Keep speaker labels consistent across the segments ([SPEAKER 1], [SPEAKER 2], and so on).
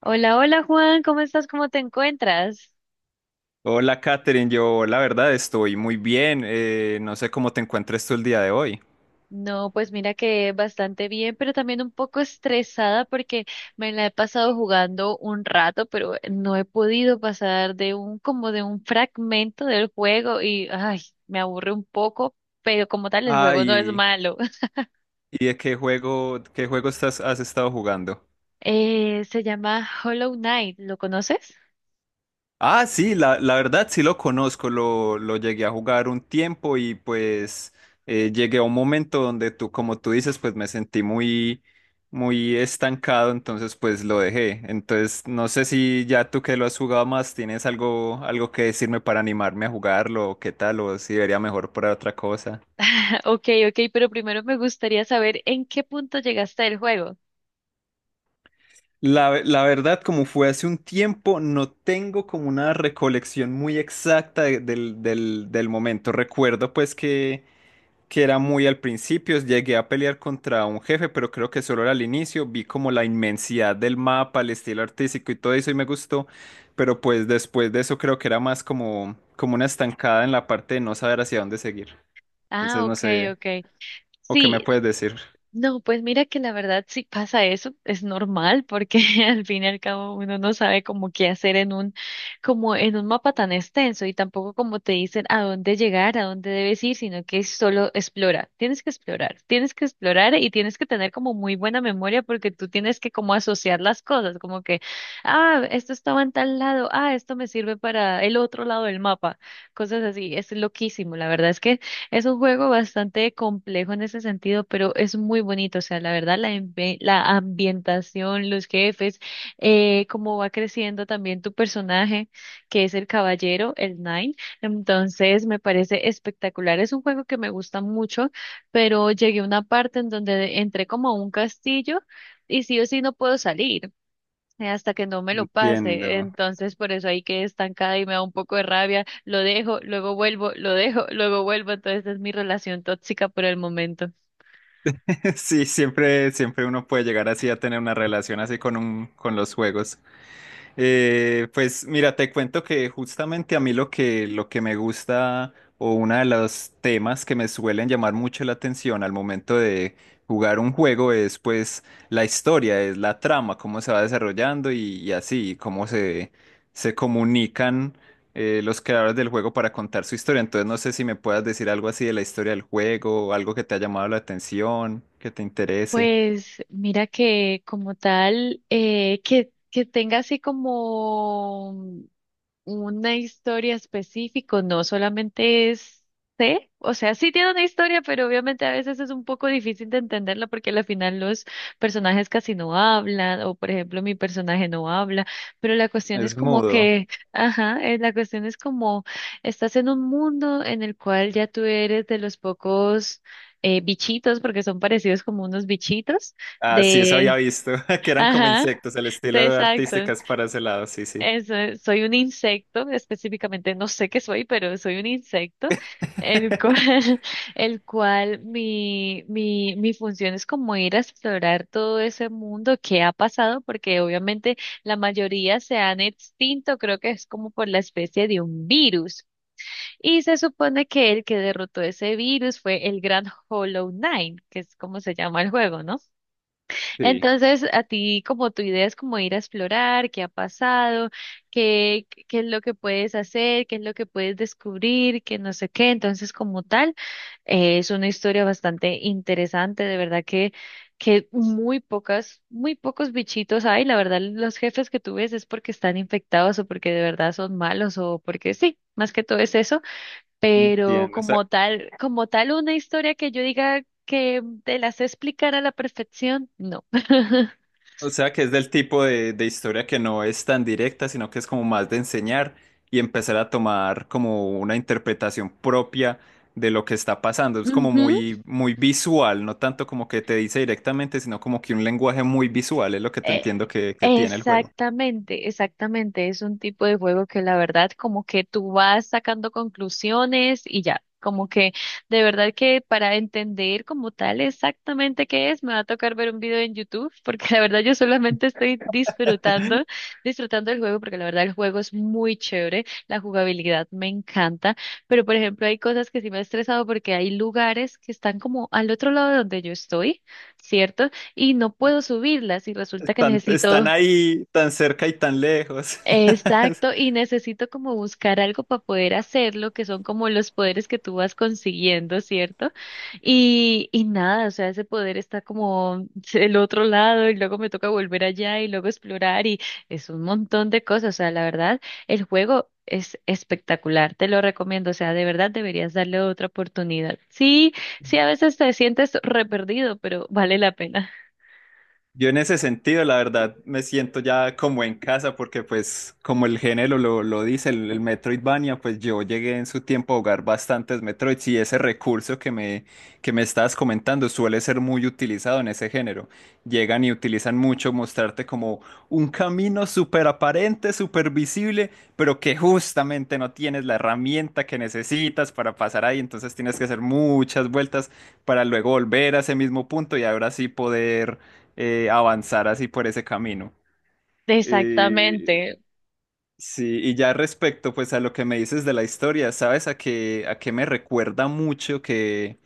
[SPEAKER 1] Hola, hola Juan, ¿cómo estás? ¿Cómo te encuentras?
[SPEAKER 2] Hola, Katherine. Yo, la verdad, estoy muy bien. No sé cómo te encuentres tú el día de hoy.
[SPEAKER 1] No, pues mira que bastante bien, pero también un poco estresada porque me la he pasado jugando un rato, pero no he podido pasar de un como de un fragmento del juego y ay, me aburre un poco, pero como tal el
[SPEAKER 2] Ah,
[SPEAKER 1] juego no es
[SPEAKER 2] y,
[SPEAKER 1] malo.
[SPEAKER 2] y de qué juego estás, has estado jugando.
[SPEAKER 1] Se llama Hollow Knight, ¿lo conoces?
[SPEAKER 2] Ah, sí, la verdad sí lo conozco. Lo llegué a jugar un tiempo y pues llegué a un momento donde tú, como tú dices, pues me sentí muy, muy estancado, entonces pues lo dejé. Entonces, no sé si ya tú que lo has jugado más, tienes algo, algo que decirme para animarme a jugarlo, o qué tal, o si debería mejor por otra cosa.
[SPEAKER 1] Ok, ok, pero primero me gustaría saber en qué punto llegaste del juego.
[SPEAKER 2] La verdad, como fue hace un tiempo, no tengo como una recolección muy exacta del momento. Recuerdo pues que era muy al principio, llegué a pelear contra un jefe, pero creo que solo era al inicio, vi como la inmensidad del mapa, el estilo artístico y todo eso y me gustó, pero pues después de eso creo que era más como, como una estancada en la parte de no saber hacia dónde seguir.
[SPEAKER 1] Ah,
[SPEAKER 2] Entonces no
[SPEAKER 1] ok,
[SPEAKER 2] sé,
[SPEAKER 1] ok.
[SPEAKER 2] ¿o qué
[SPEAKER 1] Sí,
[SPEAKER 2] me puedes decir?
[SPEAKER 1] no, pues mira que la verdad si pasa eso, es normal porque al fin y al cabo uno no sabe como qué hacer en un, como en un mapa tan extenso y tampoco como te dicen a dónde llegar, a dónde debes ir, sino que solo explora, tienes que explorar y tienes que tener como muy buena memoria porque tú tienes que como asociar las cosas, como que, ah, esto estaba en tal lado, ah, esto me sirve para el otro lado del mapa, cosas así, es loquísimo, la verdad es que es un juego bastante complejo en ese sentido, pero es muy bonito. O sea, la verdad, la, la ambientación, los jefes, cómo va creciendo también tu personaje, que es el caballero, el Nine. Entonces, me parece espectacular. Es un juego que me gusta mucho, pero llegué a una parte en donde entré como a un castillo y sí o sí no puedo salir hasta que no me lo pase.
[SPEAKER 2] Entiendo.
[SPEAKER 1] Entonces, por eso ahí quedé estancada y me da un poco de rabia. Lo dejo, luego vuelvo, lo dejo, luego vuelvo. Entonces, es mi relación tóxica por el momento.
[SPEAKER 2] Sí, siempre, siempre uno puede llegar así a tener una relación así con un, con los juegos. Pues mira, te cuento que justamente a mí lo que me gusta o uno de los temas que me suelen llamar mucho la atención al momento de jugar un juego es pues la historia, es la trama, cómo se va desarrollando y así, cómo se, se comunican los creadores del juego para contar su historia. Entonces no sé si me puedas decir algo así de la historia del juego, algo que te ha llamado la atención, que te interese.
[SPEAKER 1] Pues mira que como tal, que tenga así como una historia específica, no solamente es, sé, o sea, sí tiene una historia, pero obviamente a veces es un poco difícil de entenderla porque al final los personajes casi no hablan, o por ejemplo mi personaje no habla, pero la cuestión es
[SPEAKER 2] Es
[SPEAKER 1] como
[SPEAKER 2] mudo.
[SPEAKER 1] que, ajá, la cuestión es como estás en un mundo en el cual ya tú eres de los pocos bichitos, porque son parecidos como unos bichitos
[SPEAKER 2] Ah, sí, eso había
[SPEAKER 1] de,
[SPEAKER 2] visto, que eran como
[SPEAKER 1] ajá,
[SPEAKER 2] insectos, el estilo
[SPEAKER 1] exacto.
[SPEAKER 2] artística es para ese lado, sí, sí.
[SPEAKER 1] Eso es, soy un insecto, específicamente no sé qué soy, pero soy un insecto, el cual, el cual mi función es como ir a explorar todo ese mundo que ha pasado, porque obviamente la mayoría se han extinto, creo que es como por la especie de un virus. Y se supone que el que derrotó ese virus fue el gran Hollow Knight, que es como se llama el juego, ¿no?
[SPEAKER 2] Sí,
[SPEAKER 1] Entonces, a ti, como tu idea es como ir a explorar qué ha pasado, qué es lo que puedes hacer, qué es lo que puedes descubrir, que no sé qué. Entonces, como tal, es una historia bastante interesante, de verdad que muy pocas, muy pocos bichitos hay. La verdad, los jefes que tú ves es porque están infectados o porque de verdad son malos o porque sí, más que todo es eso. Pero
[SPEAKER 2] entiendo.
[SPEAKER 1] como tal una historia que yo diga que te las sé explicar a la perfección, no.
[SPEAKER 2] O sea que es del tipo de historia que no es tan directa, sino que es como más de enseñar y empezar a tomar como una interpretación propia de lo que está pasando. Es como
[SPEAKER 1] Ujú.
[SPEAKER 2] muy, muy visual, no tanto como que te dice directamente, sino como que un lenguaje muy visual es lo que te
[SPEAKER 1] Eh,
[SPEAKER 2] entiendo que tiene el juego.
[SPEAKER 1] exactamente, exactamente. Es un tipo de juego que la verdad como que tú vas sacando conclusiones y ya, como que de verdad que para entender como tal exactamente qué es, me va a tocar ver un video en YouTube porque la verdad yo solamente estoy disfrutando, disfrutando del juego porque la verdad el juego es muy chévere, la jugabilidad me encanta, pero por ejemplo hay cosas que sí me ha estresado porque hay lugares que están como al otro lado de donde yo estoy. ¿Cierto? Y no puedo subirlas y resulta que
[SPEAKER 2] Están, están
[SPEAKER 1] necesito,
[SPEAKER 2] ahí tan cerca y tan lejos.
[SPEAKER 1] exacto, y necesito como buscar algo para poder hacerlo, que son como los poderes que tú vas consiguiendo, ¿cierto? Y nada, o sea, ese poder está como el otro lado y luego me toca volver allá y luego explorar y es un montón de cosas, o sea, la verdad, el juego... Es espectacular, te lo recomiendo, o sea, de verdad deberías darle otra oportunidad. Sí, sí, a veces te sientes re perdido, pero vale la pena.
[SPEAKER 2] Yo en ese sentido, la verdad, me siento ya como en casa porque pues como el género lo dice, el Metroidvania, pues yo llegué en su tiempo a jugar bastantes Metroids y ese recurso que me estabas comentando suele ser muy utilizado en ese género. Llegan y utilizan mucho mostrarte como un camino súper aparente, súper visible, pero que justamente no tienes la herramienta que necesitas para pasar ahí, entonces tienes que hacer muchas vueltas para luego volver a ese mismo punto y ahora sí poder avanzar así por ese camino. Eh,
[SPEAKER 1] Exactamente.
[SPEAKER 2] sí, y ya respecto pues a lo que me dices de la historia, ¿sabes a qué me recuerda mucho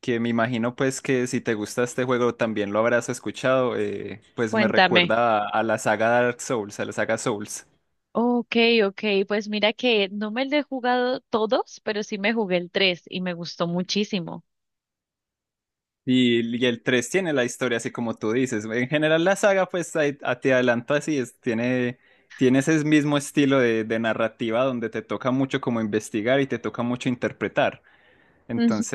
[SPEAKER 2] que me imagino pues que si te gusta este juego también lo habrás escuchado, pues me
[SPEAKER 1] Cuéntame.
[SPEAKER 2] recuerda a la saga Dark Souls, a la saga Souls.
[SPEAKER 1] Ok, ok, pues mira que no me lo he jugado todos, pero sí me jugué el 3 y me gustó muchísimo.
[SPEAKER 2] Y el 3 tiene la historia así como tú dices. En general la saga pues te adelanto así, es, tiene... Tiene ese mismo estilo de narrativa donde te toca mucho como investigar y te toca mucho interpretar.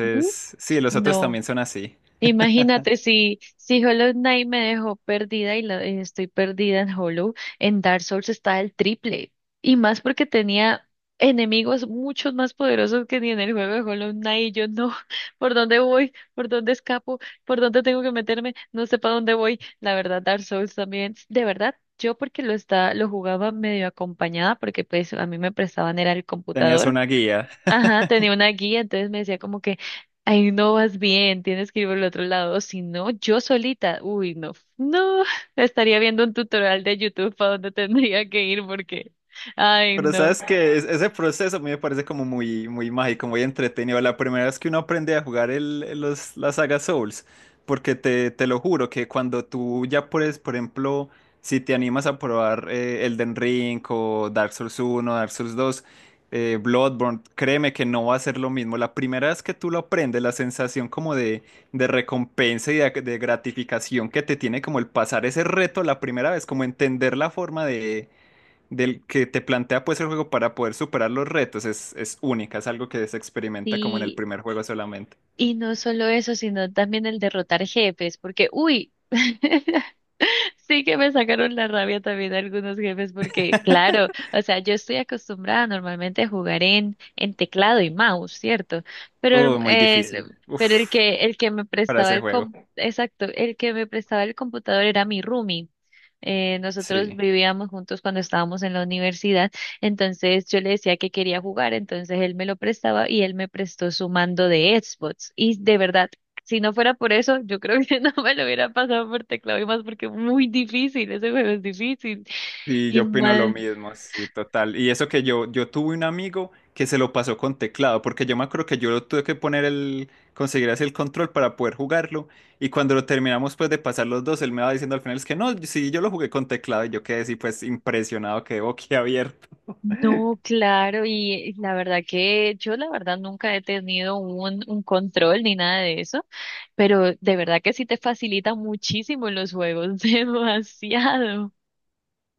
[SPEAKER 1] Ujú.
[SPEAKER 2] sí, los otros
[SPEAKER 1] No.
[SPEAKER 2] también son así.
[SPEAKER 1] Imagínate si, si Hollow Knight me dejó perdida y estoy perdida en Hollow, en Dark Souls está el triple. Y más porque tenía enemigos muchos más poderosos que ni en el juego de Hollow Knight. Y yo no, ¿por dónde voy? ¿Por dónde escapo? ¿Por dónde tengo que meterme? No sé para dónde voy. La verdad, Dark Souls también. De verdad, yo porque lo está, lo jugaba medio acompañada, porque pues a mí me prestaban era el
[SPEAKER 2] Tenías
[SPEAKER 1] computador.
[SPEAKER 2] una guía.
[SPEAKER 1] Ajá, tenía una guía, entonces me decía como que, ay, no vas bien, tienes que ir por el otro lado, o si no, yo solita, uy, no, no, estaría viendo un tutorial de YouTube para dónde tendría que ir porque, ay,
[SPEAKER 2] Pero
[SPEAKER 1] no.
[SPEAKER 2] sabes que ese proceso a mí me parece como muy, muy mágico, muy entretenido. La primera vez que uno aprende a jugar la saga Souls, porque te lo juro que cuando tú ya puedes, por ejemplo, si te animas a probar Elden Ring o Dark Souls uno, Dark Souls 2, Bloodborne, créeme que no va a ser lo mismo. La primera vez que tú lo aprendes, la sensación como de recompensa y de gratificación que te tiene como el pasar ese reto la primera vez, como entender la forma de del que te plantea pues el juego para poder superar los retos es única, es algo que se experimenta como en el
[SPEAKER 1] Sí,
[SPEAKER 2] primer juego solamente.
[SPEAKER 1] y no solo eso, sino también el derrotar jefes, porque, uy, sí que me sacaron la rabia también algunos jefes porque, claro, o sea, yo estoy acostumbrada normalmente a jugar en teclado y mouse, ¿cierto? Pero
[SPEAKER 2] Muy difícil.
[SPEAKER 1] pero
[SPEAKER 2] Uf,
[SPEAKER 1] el que me
[SPEAKER 2] para
[SPEAKER 1] prestaba
[SPEAKER 2] ese
[SPEAKER 1] el
[SPEAKER 2] juego.
[SPEAKER 1] com- exacto, el que me prestaba el computador era mi roomie. Nosotros
[SPEAKER 2] Sí.
[SPEAKER 1] vivíamos juntos cuando estábamos en la universidad, entonces yo le decía que quería jugar, entonces él me lo prestaba y él me prestó su mando de Xbox. Y de verdad, si no fuera por eso, yo creo que no me lo hubiera pasado por teclado y más porque es muy difícil, ese juego es difícil.
[SPEAKER 2] Y
[SPEAKER 1] Y
[SPEAKER 2] yo opino lo
[SPEAKER 1] más,
[SPEAKER 2] mismo, sí, total. Y eso que yo tuve un amigo que se lo pasó con teclado, porque yo me acuerdo que yo lo tuve que poner el, conseguir así el control para poder jugarlo. Y cuando lo terminamos pues de pasar los dos, él me va diciendo al final es que no, sí, yo lo jugué con teclado y yo quedé así pues impresionado, quedé boquiabierto.
[SPEAKER 1] no, claro, y la verdad que yo la verdad nunca he tenido un control ni nada de eso, pero de verdad que sí te facilita muchísimo los juegos, demasiado.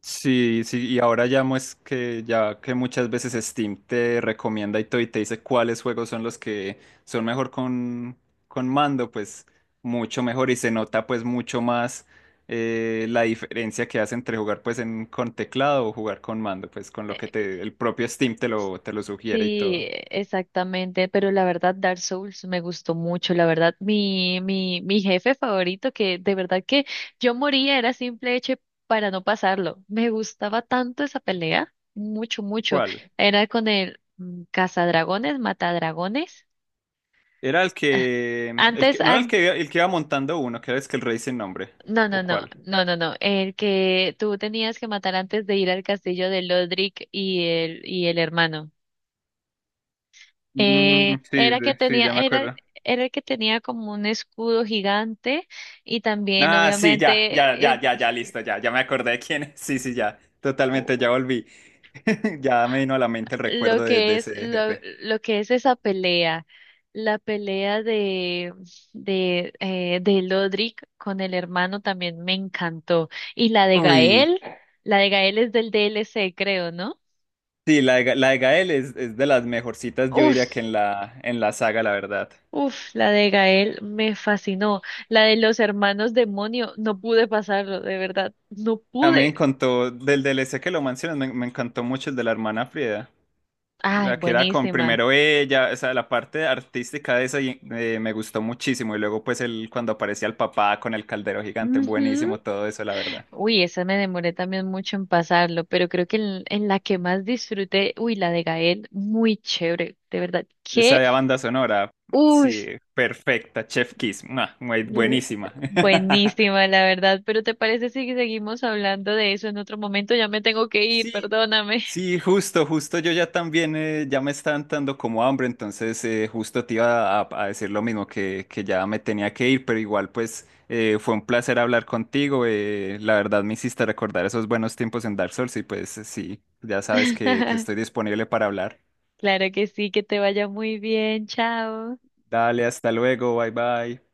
[SPEAKER 2] Sí, sí, y ahora ya es que ya que muchas veces Steam te recomienda y todo y te dice cuáles juegos son los que son mejor con mando, pues mucho mejor y se nota pues mucho más la diferencia que hace entre jugar pues en con teclado o jugar con mando, pues con lo que te el propio Steam te lo sugiere y
[SPEAKER 1] Sí,
[SPEAKER 2] todo.
[SPEAKER 1] exactamente, pero la verdad Dark Souls me gustó mucho, la verdad mi jefe favorito que de verdad que yo moría era simple hecho para no pasarlo. Me gustaba tanto esa pelea, mucho mucho.
[SPEAKER 2] ¿Cuál?
[SPEAKER 1] Era con el cazadragones, matadragones.
[SPEAKER 2] Era el que
[SPEAKER 1] Antes
[SPEAKER 2] no era el
[SPEAKER 1] an-
[SPEAKER 2] que iba montando uno, que era es que el rey sin nombre.
[SPEAKER 1] no, no,
[SPEAKER 2] ¿O
[SPEAKER 1] no,
[SPEAKER 2] cuál?
[SPEAKER 1] no, no, no, el que tú tenías que matar antes de ir al castillo de Lodric y el hermano.
[SPEAKER 2] Mm, sí,
[SPEAKER 1] Era que
[SPEAKER 2] sí,
[SPEAKER 1] tenía,
[SPEAKER 2] ya me
[SPEAKER 1] era,
[SPEAKER 2] acuerdo.
[SPEAKER 1] era el que tenía como un escudo gigante y también
[SPEAKER 2] Ah, sí, ya, ya,
[SPEAKER 1] obviamente
[SPEAKER 2] ya, ya, ya, listo, ya, ya me acordé de quién es. Sí, sí, ya, totalmente, ya
[SPEAKER 1] u-
[SPEAKER 2] volví. Ya me vino a la mente el recuerdo
[SPEAKER 1] lo
[SPEAKER 2] de
[SPEAKER 1] que es
[SPEAKER 2] ese
[SPEAKER 1] lo,
[SPEAKER 2] jefe.
[SPEAKER 1] lo que es esa pelea, la pelea de Lodric con el hermano también me encantó y
[SPEAKER 2] Uy,
[SPEAKER 1] La de Gael es del DLC creo, ¿no?
[SPEAKER 2] sí, la de Gael es de las mejorcitas, yo
[SPEAKER 1] Uf,
[SPEAKER 2] diría que en la saga, la verdad.
[SPEAKER 1] uf, la de Gael me fascinó. La de los hermanos demonio, no pude pasarlo, de verdad, no
[SPEAKER 2] A mí me
[SPEAKER 1] pude.
[SPEAKER 2] encantó, del DLC que lo mencionas, me encantó mucho el de la hermana Frida.
[SPEAKER 1] Ay,
[SPEAKER 2] La que era con
[SPEAKER 1] buenísima.
[SPEAKER 2] primero ella, o sea, la parte artística de esa me gustó muchísimo. Y luego, pues, el, cuando aparecía el papá con el caldero gigante,
[SPEAKER 1] Ujú.
[SPEAKER 2] buenísimo todo eso, la verdad.
[SPEAKER 1] Uy, esa me demoré también mucho en pasarlo, pero creo que en la que más disfruté, uy, la de Gael, muy chévere, de verdad.
[SPEAKER 2] Esa de banda sonora,
[SPEAKER 1] Uy,
[SPEAKER 2] sí, perfecta, Chef Kiss, mua, muy
[SPEAKER 1] l-
[SPEAKER 2] buenísima.
[SPEAKER 1] buenísima, la verdad. Pero ¿te parece si seguimos hablando de eso en otro momento? Ya me tengo que ir,
[SPEAKER 2] Sí,
[SPEAKER 1] perdóname.
[SPEAKER 2] sí, justo, justo yo ya también, ya me está dando como hambre, entonces justo te iba a decir lo mismo, que ya me tenía que ir, pero igual pues fue un placer hablar contigo, la verdad me hiciste recordar esos buenos tiempos en Dark Souls y pues sí, ya sabes que estoy disponible para hablar.
[SPEAKER 1] Claro que sí, que te vaya muy bien, chao.
[SPEAKER 2] Dale, hasta luego, bye bye.